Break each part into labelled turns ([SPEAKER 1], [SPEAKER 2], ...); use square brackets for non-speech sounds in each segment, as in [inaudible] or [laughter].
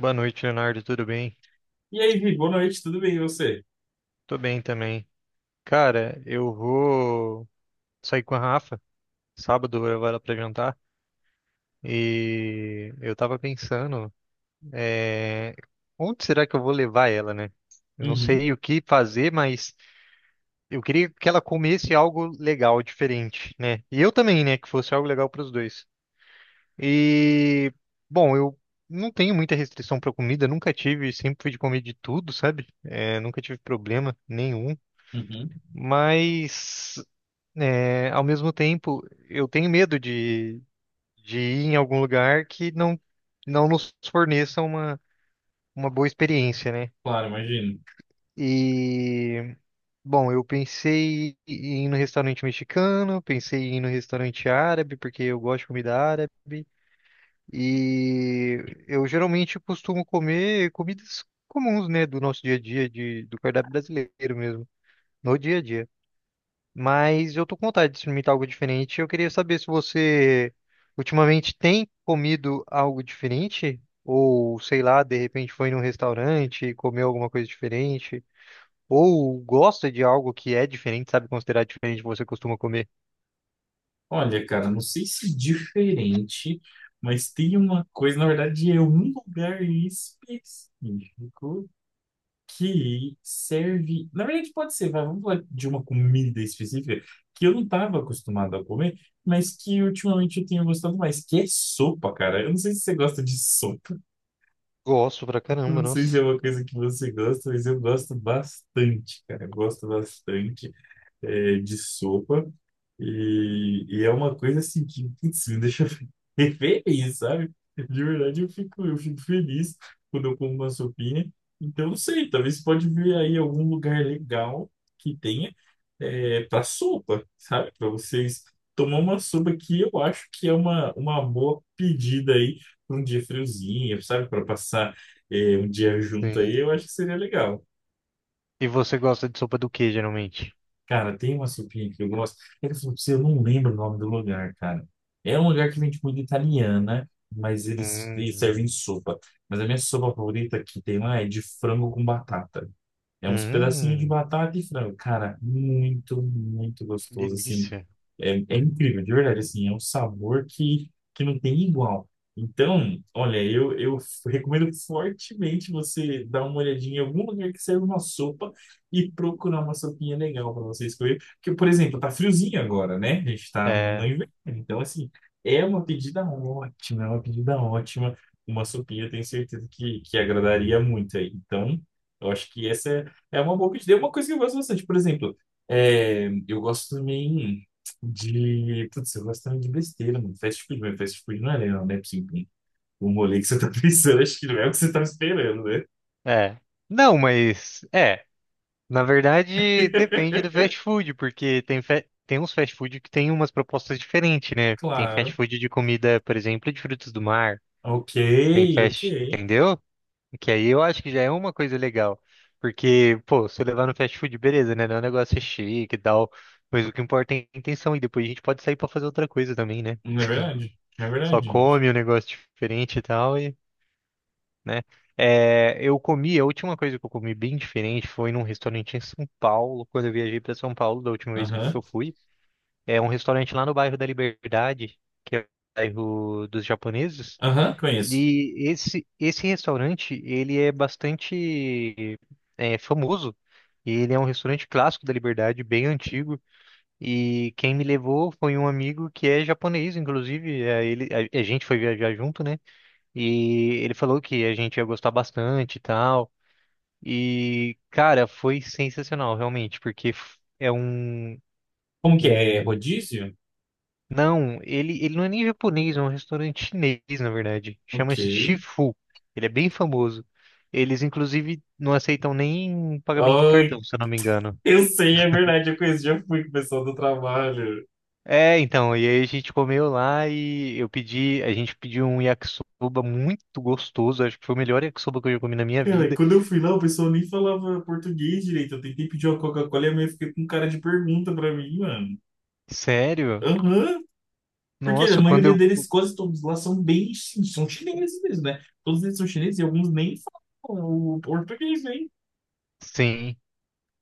[SPEAKER 1] Boa noite, Leonardo. Tudo bem?
[SPEAKER 2] E aí, Vi, boa noite, tudo bem e você?
[SPEAKER 1] Tô bem também. Cara, eu vou sair com a Rafa. Sábado eu levo ela pra jantar. E eu tava pensando, é, onde será que eu vou levar ela, né? Eu não
[SPEAKER 2] Uhum,
[SPEAKER 1] sei o que fazer, mas eu queria que ela comesse algo legal, diferente, né? E eu também, né? Que fosse algo legal pros dois. E, bom, eu não tenho muita restrição pra comida, nunca tive, sempre fui de comer de tudo, sabe? Nunca tive problema nenhum.
[SPEAKER 2] uhum.
[SPEAKER 1] Mas, ao mesmo tempo, eu tenho medo de ir em algum lugar que não nos forneça uma boa experiência, né?
[SPEAKER 2] Claro, imagino.
[SPEAKER 1] E, bom, eu pensei em ir no restaurante mexicano, pensei em ir no restaurante árabe, porque eu gosto de comida árabe. E eu geralmente costumo comer comidas comuns, né, do nosso dia a dia, do cardápio brasileiro mesmo, no dia a dia. Mas eu tô com vontade de experimentar algo diferente. Eu queria saber se você ultimamente tem comido algo diferente, ou sei lá, de repente foi num restaurante e comeu alguma coisa diferente, ou gosta de algo que é diferente, sabe, considerar diferente do que você costuma comer.
[SPEAKER 2] Olha, cara, não sei se diferente, mas tem uma coisa, na verdade, é um lugar específico que serve. Na verdade, pode ser, vai, vamos falar de uma comida específica que eu não estava acostumado a comer, mas que ultimamente eu tenho gostado mais, que é sopa, cara. Eu não sei se você gosta de sopa,
[SPEAKER 1] Gosto pra
[SPEAKER 2] eu
[SPEAKER 1] caramba,
[SPEAKER 2] não sei se
[SPEAKER 1] nossa.
[SPEAKER 2] é uma coisa que você gosta, mas eu gosto bastante, cara, eu gosto bastante. De sopa. E é uma coisa assim que, putz, me deixa [laughs] feliz, sabe? De verdade, eu fico feliz quando eu como uma sopinha. Então, não sei, talvez pode vir aí algum lugar legal que tenha para sopa, sabe? Para vocês tomar uma sopa que eu acho que é uma boa pedida aí para um dia friozinho, sabe? Para passar um dia junto aí, eu
[SPEAKER 1] Sim.
[SPEAKER 2] acho que seria legal.
[SPEAKER 1] E você gosta de sopa do que geralmente?
[SPEAKER 2] Cara, tem uma sopinha que eu gosto. É que eu falo pra você, eu não lembro o nome do lugar, cara. É um lugar que vende comida italiana, mas eles servem
[SPEAKER 1] Hum,
[SPEAKER 2] sopa. Mas a minha sopa favorita que tem lá é de frango com batata. É uns pedacinhos de
[SPEAKER 1] hum,
[SPEAKER 2] batata e frango. Cara, muito, muito gostoso, assim.
[SPEAKER 1] delícia.
[SPEAKER 2] É, é incrível, de verdade, assim. É um sabor que não tem igual. Então, olha, eu recomendo fortemente você dar uma olhadinha em algum lugar que serve uma sopa e procurar uma sopinha legal para você escolher. Porque, por exemplo, tá friozinho agora, né? A gente tá no
[SPEAKER 1] É,
[SPEAKER 2] inverno. Então, assim, é uma pedida ótima, é uma pedida ótima. Uma sopinha, eu tenho certeza que agradaria muito aí. Então, eu acho que essa é, é uma boa pedida. É uma coisa que eu gosto bastante. Por exemplo, eu gosto também de. Putz, eu gosto também de besteira, mano. Fast food, mas fast food não é legal, né? Tipo assim, um rolê que você tá [laughs] pensando, acho que não é o que você tava esperando, né?
[SPEAKER 1] é. Não, mas é. Na verdade,
[SPEAKER 2] [laughs]
[SPEAKER 1] depende do fast food, porque tem, tem uns fast food que tem umas propostas diferentes, né? Tem fast
[SPEAKER 2] Claro.
[SPEAKER 1] food de comida, por exemplo, de frutos do mar.
[SPEAKER 2] Ok,
[SPEAKER 1] Tem
[SPEAKER 2] ok.
[SPEAKER 1] fast, entendeu? Que aí eu acho que já é uma coisa legal. Porque, pô, se eu levar no fast food, beleza, né? Não é um negócio chique e tal. Mas o que importa é a intenção. E depois a gente pode sair pra fazer outra coisa também, né?
[SPEAKER 2] Não é verdade? Não é
[SPEAKER 1] Só
[SPEAKER 2] verdade, gente.
[SPEAKER 1] come um negócio diferente e tal né? É, eu comi, a última coisa que eu comi bem diferente foi num restaurante em São Paulo, quando eu viajei para São Paulo da última vez que
[SPEAKER 2] Aham.
[SPEAKER 1] eu fui. É um restaurante lá no bairro da Liberdade, que é o bairro dos japoneses.
[SPEAKER 2] Aham, conheço.
[SPEAKER 1] E esse restaurante, ele é bastante famoso. E ele é um restaurante clássico da Liberdade, bem antigo. E quem me levou foi um amigo que é japonês, inclusive. A gente foi viajar junto, né? E ele falou que a gente ia gostar bastante e tal. E, cara, foi sensacional, realmente, porque é um,
[SPEAKER 2] Como que é? É
[SPEAKER 1] um...
[SPEAKER 2] rodízio?
[SPEAKER 1] Não, ele não é nem japonês, é um restaurante chinês, na verdade.
[SPEAKER 2] Ok.
[SPEAKER 1] Chama-se Shifu. Ele é bem famoso. Eles, inclusive, não aceitam nem pagamento em
[SPEAKER 2] Ai,
[SPEAKER 1] cartão, se eu não me engano.
[SPEAKER 2] eu sei, é verdade, eu conheço, já fui com o pessoal do trabalho.
[SPEAKER 1] É, então, e aí a gente comeu lá e eu pedi, a gente pediu um yakisoba muito gostoso, acho que foi o melhor yakisoba que eu já comi na minha
[SPEAKER 2] Cara,
[SPEAKER 1] vida.
[SPEAKER 2] quando eu fui lá, o pessoal nem falava português direito. Eu tentei pedir uma Coca-Cola e a mãe fica com cara de pergunta pra mim, mano.
[SPEAKER 1] Sério?
[SPEAKER 2] Aham. Porque a
[SPEAKER 1] Nossa,
[SPEAKER 2] maioria
[SPEAKER 1] quando
[SPEAKER 2] deles, quase todos lá, são bem... São chineses mesmo, né? Todos eles são chineses e alguns nem falam o português, hein?
[SPEAKER 1] Sim.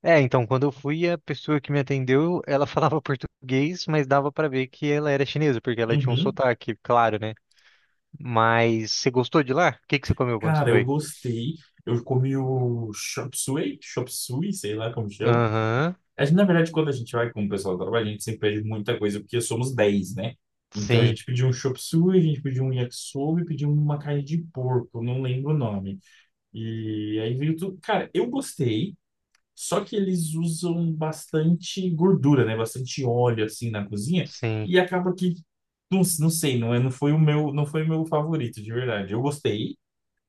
[SPEAKER 1] É, então, quando eu fui, a pessoa que me atendeu, ela falava português, mas dava pra ver que ela era chinesa, porque ela tinha um
[SPEAKER 2] Uhum.
[SPEAKER 1] sotaque, claro, né? Mas você gostou de lá? O que que você comeu quando você
[SPEAKER 2] Cara, eu
[SPEAKER 1] foi?
[SPEAKER 2] gostei. Eu comi o chop suey, sei lá como chama.
[SPEAKER 1] Aham.
[SPEAKER 2] A gente, na verdade, quando a gente vai com o pessoal do trabalho, a gente sempre pede muita coisa, porque somos dez, né? Então a
[SPEAKER 1] Sim,
[SPEAKER 2] gente pediu um chop suey, a gente pediu um yakisoba e pediu uma carne de porco, não lembro o nome. E aí veio tudo. Cara, eu gostei, só que eles usam bastante gordura, né? Bastante óleo, assim, na cozinha.
[SPEAKER 1] sim.
[SPEAKER 2] E acaba que, não, não sei, não, não foi o meu, não foi o meu favorito, de verdade. Eu gostei,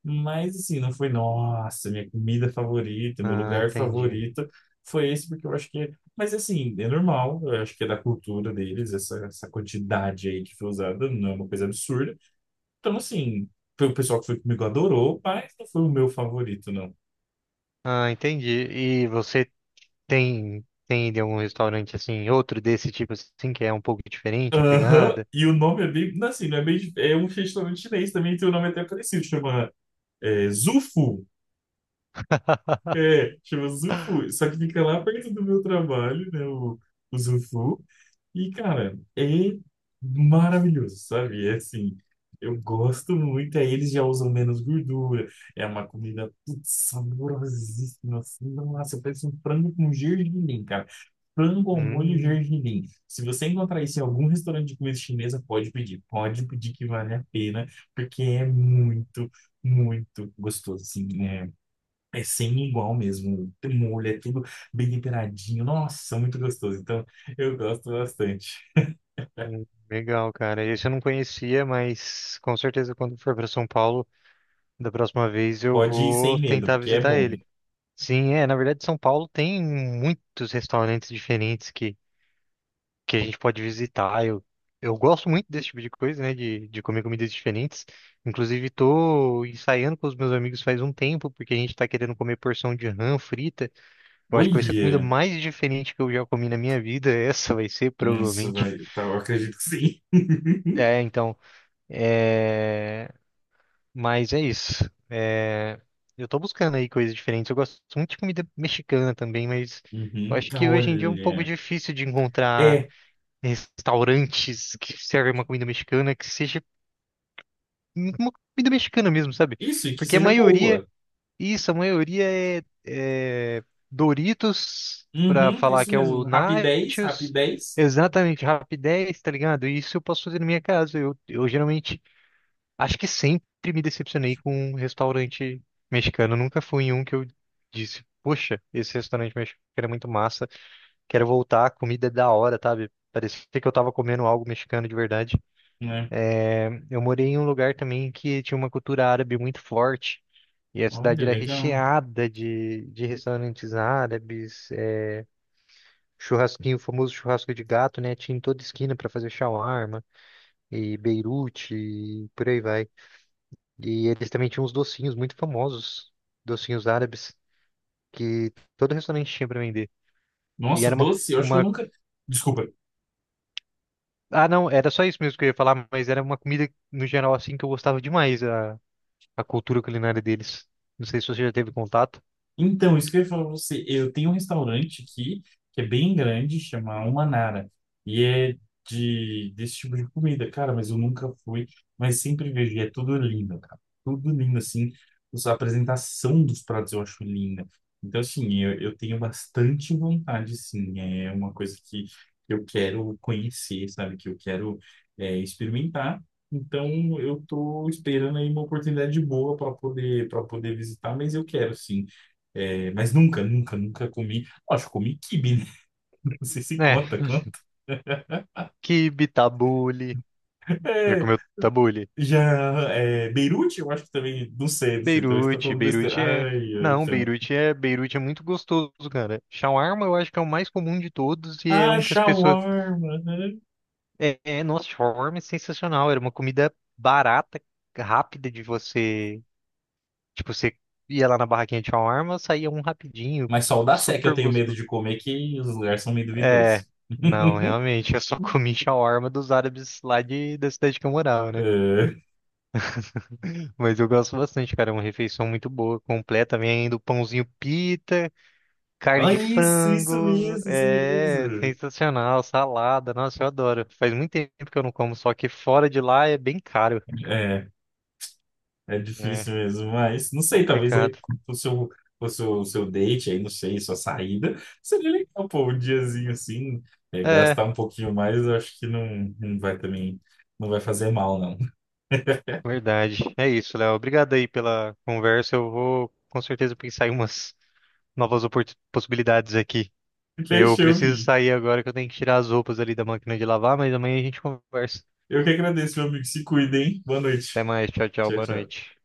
[SPEAKER 2] mas assim, não foi, nossa, minha comida favorita, meu
[SPEAKER 1] Ah,
[SPEAKER 2] lugar
[SPEAKER 1] entendi.
[SPEAKER 2] favorito foi esse, porque eu acho que é. Mas assim, é normal, eu acho que é da cultura deles, essa quantidade aí que foi usada, não é uma coisa absurda. Então, assim, o pessoal que foi comigo adorou, mas não foi o meu favorito, não.
[SPEAKER 1] Ah, entendi. E você tem ido em algum restaurante assim, outro desse tipo assim, que é um pouco diferente a
[SPEAKER 2] Aham,
[SPEAKER 1] pegada?
[SPEAKER 2] e o nome é bem, não assim, não é bem, é um restaurante chinês também, tem um nome até parecido, chama Zufu.
[SPEAKER 1] [laughs]
[SPEAKER 2] É, chama Zufu, só que fica lá perto do meu trabalho, né, o Zufu. E, cara, é maravilhoso, sabe? É assim, eu gosto muito. Aí eles já usam menos gordura. É uma comida, putz, saborosíssima. Assim, nossa, parece um frango com gergelim, cara. Frango ao molho
[SPEAKER 1] Hum,
[SPEAKER 2] gergelim. Se você encontrar isso em algum restaurante de comida chinesa, pode pedir. Pode pedir que vale a pena, porque é muito, muito gostoso, assim, é. É sem igual mesmo. Tem molho, é tudo bem temperadinho. Nossa, muito gostoso. Então, eu gosto bastante.
[SPEAKER 1] legal, cara. Esse eu não conhecia, mas com certeza quando for para São Paulo da próxima vez eu
[SPEAKER 2] Pode ir
[SPEAKER 1] vou
[SPEAKER 2] sem medo,
[SPEAKER 1] tentar
[SPEAKER 2] porque é
[SPEAKER 1] visitar
[SPEAKER 2] bom.
[SPEAKER 1] ele. Sim, é, na verdade São Paulo tem muitos restaurantes diferentes que a gente pode visitar. Eu gosto muito desse tipo de coisa, né, de comer comidas diferentes. Inclusive tô ensaiando com os meus amigos faz um tempo, porque a gente tá querendo comer porção de rã frita. Eu acho que vai ser a comida
[SPEAKER 2] Olha!
[SPEAKER 1] mais diferente que eu já comi na minha vida. [laughs] Essa vai ser,
[SPEAKER 2] Nossa,
[SPEAKER 1] provavelmente.
[SPEAKER 2] velho. Tá, eu acredito que sim. [laughs]
[SPEAKER 1] É, então, é, Mas é isso. Eu tô buscando aí coisas diferentes. Eu gosto muito de comida mexicana também, mas eu
[SPEAKER 2] Uhum.
[SPEAKER 1] acho que hoje em dia é um pouco
[SPEAKER 2] Olha.
[SPEAKER 1] difícil de encontrar
[SPEAKER 2] É,
[SPEAKER 1] restaurantes que servem uma comida mexicana que seja uma comida mexicana mesmo, sabe?
[SPEAKER 2] isso, e que
[SPEAKER 1] Porque a
[SPEAKER 2] seja
[SPEAKER 1] maioria,
[SPEAKER 2] boa.
[SPEAKER 1] isso, a maioria é, é Doritos pra
[SPEAKER 2] Uhum,
[SPEAKER 1] falar
[SPEAKER 2] isso
[SPEAKER 1] que é
[SPEAKER 2] mesmo.
[SPEAKER 1] o
[SPEAKER 2] Rapidez,
[SPEAKER 1] Nachos.
[SPEAKER 2] rapidez,
[SPEAKER 1] Exatamente, rapidez, tá ligado? Isso eu posso fazer na minha casa. Eu geralmente acho que sempre me decepcionei com um restaurante mexicano. Nunca fui em um que eu disse, poxa, esse restaurante mexicano é muito massa. Quero voltar, a comida é da hora, sabe? Parecia que eu tava comendo algo mexicano de verdade.
[SPEAKER 2] né?
[SPEAKER 1] Eu morei em um lugar também que tinha uma cultura árabe muito forte. E a
[SPEAKER 2] Olha,
[SPEAKER 1] cidade era
[SPEAKER 2] legal.
[SPEAKER 1] recheada de restaurantes árabes, churrasquinho, o famoso churrasco de gato, né? Tinha em toda esquina para fazer shawarma, e Beirute, e por aí vai. E eles também tinham uns docinhos muito famosos, docinhos árabes, que todo restaurante tinha pra vender. E
[SPEAKER 2] Nossa,
[SPEAKER 1] era
[SPEAKER 2] doce, eu acho que eu
[SPEAKER 1] uma...
[SPEAKER 2] nunca. Desculpa,
[SPEAKER 1] Ah, não, era só isso mesmo que eu ia falar, mas era uma comida, no geral, assim, que eu gostava demais, a cultura culinária deles. Não sei se você já teve contato.
[SPEAKER 2] então, isso que eu ia falar pra você, eu tenho um restaurante aqui, que é bem grande, chama Umanara, e é desse tipo de comida, cara, mas eu nunca fui, mas sempre vejo, e é tudo lindo, cara, tudo lindo, assim, os- a apresentação dos pratos eu acho linda, então, assim, eu tenho bastante vontade, sim, é uma coisa que eu quero conhecer, sabe, que eu quero experimentar, então eu tô esperando aí uma oportunidade boa para poder visitar, mas eu quero, sim. É, mas nunca, nunca, nunca comi. Acho que comi quibe, né? [laughs] Não sei se
[SPEAKER 1] Né,
[SPEAKER 2] conta, conta.
[SPEAKER 1] quibe, tabule. Já
[SPEAKER 2] É,
[SPEAKER 1] comeu tabule?
[SPEAKER 2] já é, Beirute, eu acho que também. Não sei, não sei. Talvez estou
[SPEAKER 1] Beirute,
[SPEAKER 2] falando besteira.
[SPEAKER 1] Beirute é...
[SPEAKER 2] Ai, ai,
[SPEAKER 1] Não,
[SPEAKER 2] então.
[SPEAKER 1] Beirute é muito gostoso, cara. Shawarma eu acho que é o mais comum de todos e é
[SPEAKER 2] Ah,
[SPEAKER 1] um que as pessoas
[SPEAKER 2] shawarma. Né?
[SPEAKER 1] é, é, nossa, shawarma é sensacional. Era uma comida barata, rápida de você. Tipo, você ia lá na barraquinha de shawarma, saía um rapidinho,
[SPEAKER 2] Mas só o da Sé que eu
[SPEAKER 1] super
[SPEAKER 2] tenho medo de
[SPEAKER 1] gostoso.
[SPEAKER 2] comer, que os lugares são meio
[SPEAKER 1] É,
[SPEAKER 2] duvidosos.
[SPEAKER 1] não,
[SPEAKER 2] [laughs]
[SPEAKER 1] realmente, eu só [laughs] comi shawarma dos árabes lá da cidade que eu morava, né?
[SPEAKER 2] É.
[SPEAKER 1] Mas eu gosto bastante, cara. É uma refeição muito boa, completa. Vem ainda o pãozinho pita, carne
[SPEAKER 2] Ah,
[SPEAKER 1] de
[SPEAKER 2] isso
[SPEAKER 1] frango.
[SPEAKER 2] mesmo, isso
[SPEAKER 1] É,
[SPEAKER 2] mesmo.
[SPEAKER 1] sensacional. Salada, nossa, eu adoro. Faz muito tempo que eu não como, só que fora de lá é bem caro.
[SPEAKER 2] É, é difícil
[SPEAKER 1] Né?
[SPEAKER 2] mesmo, mas não sei, talvez aí
[SPEAKER 1] Complicado.
[SPEAKER 2] o seu, o seu date aí, não sei, sua saída, seria legal, pô, um diazinho assim,
[SPEAKER 1] É,
[SPEAKER 2] gastar um pouquinho mais, eu acho que não, não vai também, não vai fazer mal, não.
[SPEAKER 1] verdade. É isso, Léo. Obrigado aí pela conversa. Eu vou com certeza pensar em umas novas possibilidades aqui.
[SPEAKER 2] [laughs]
[SPEAKER 1] Eu
[SPEAKER 2] Fechou,
[SPEAKER 1] preciso
[SPEAKER 2] Vi.
[SPEAKER 1] sair agora que eu tenho que tirar as roupas ali da máquina de lavar, mas amanhã a gente conversa.
[SPEAKER 2] Eu que agradeço, meu amigo, se cuida, hein? Boa
[SPEAKER 1] Até
[SPEAKER 2] noite.
[SPEAKER 1] mais. Tchau, tchau.
[SPEAKER 2] Tchau,
[SPEAKER 1] Boa
[SPEAKER 2] tchau.
[SPEAKER 1] noite.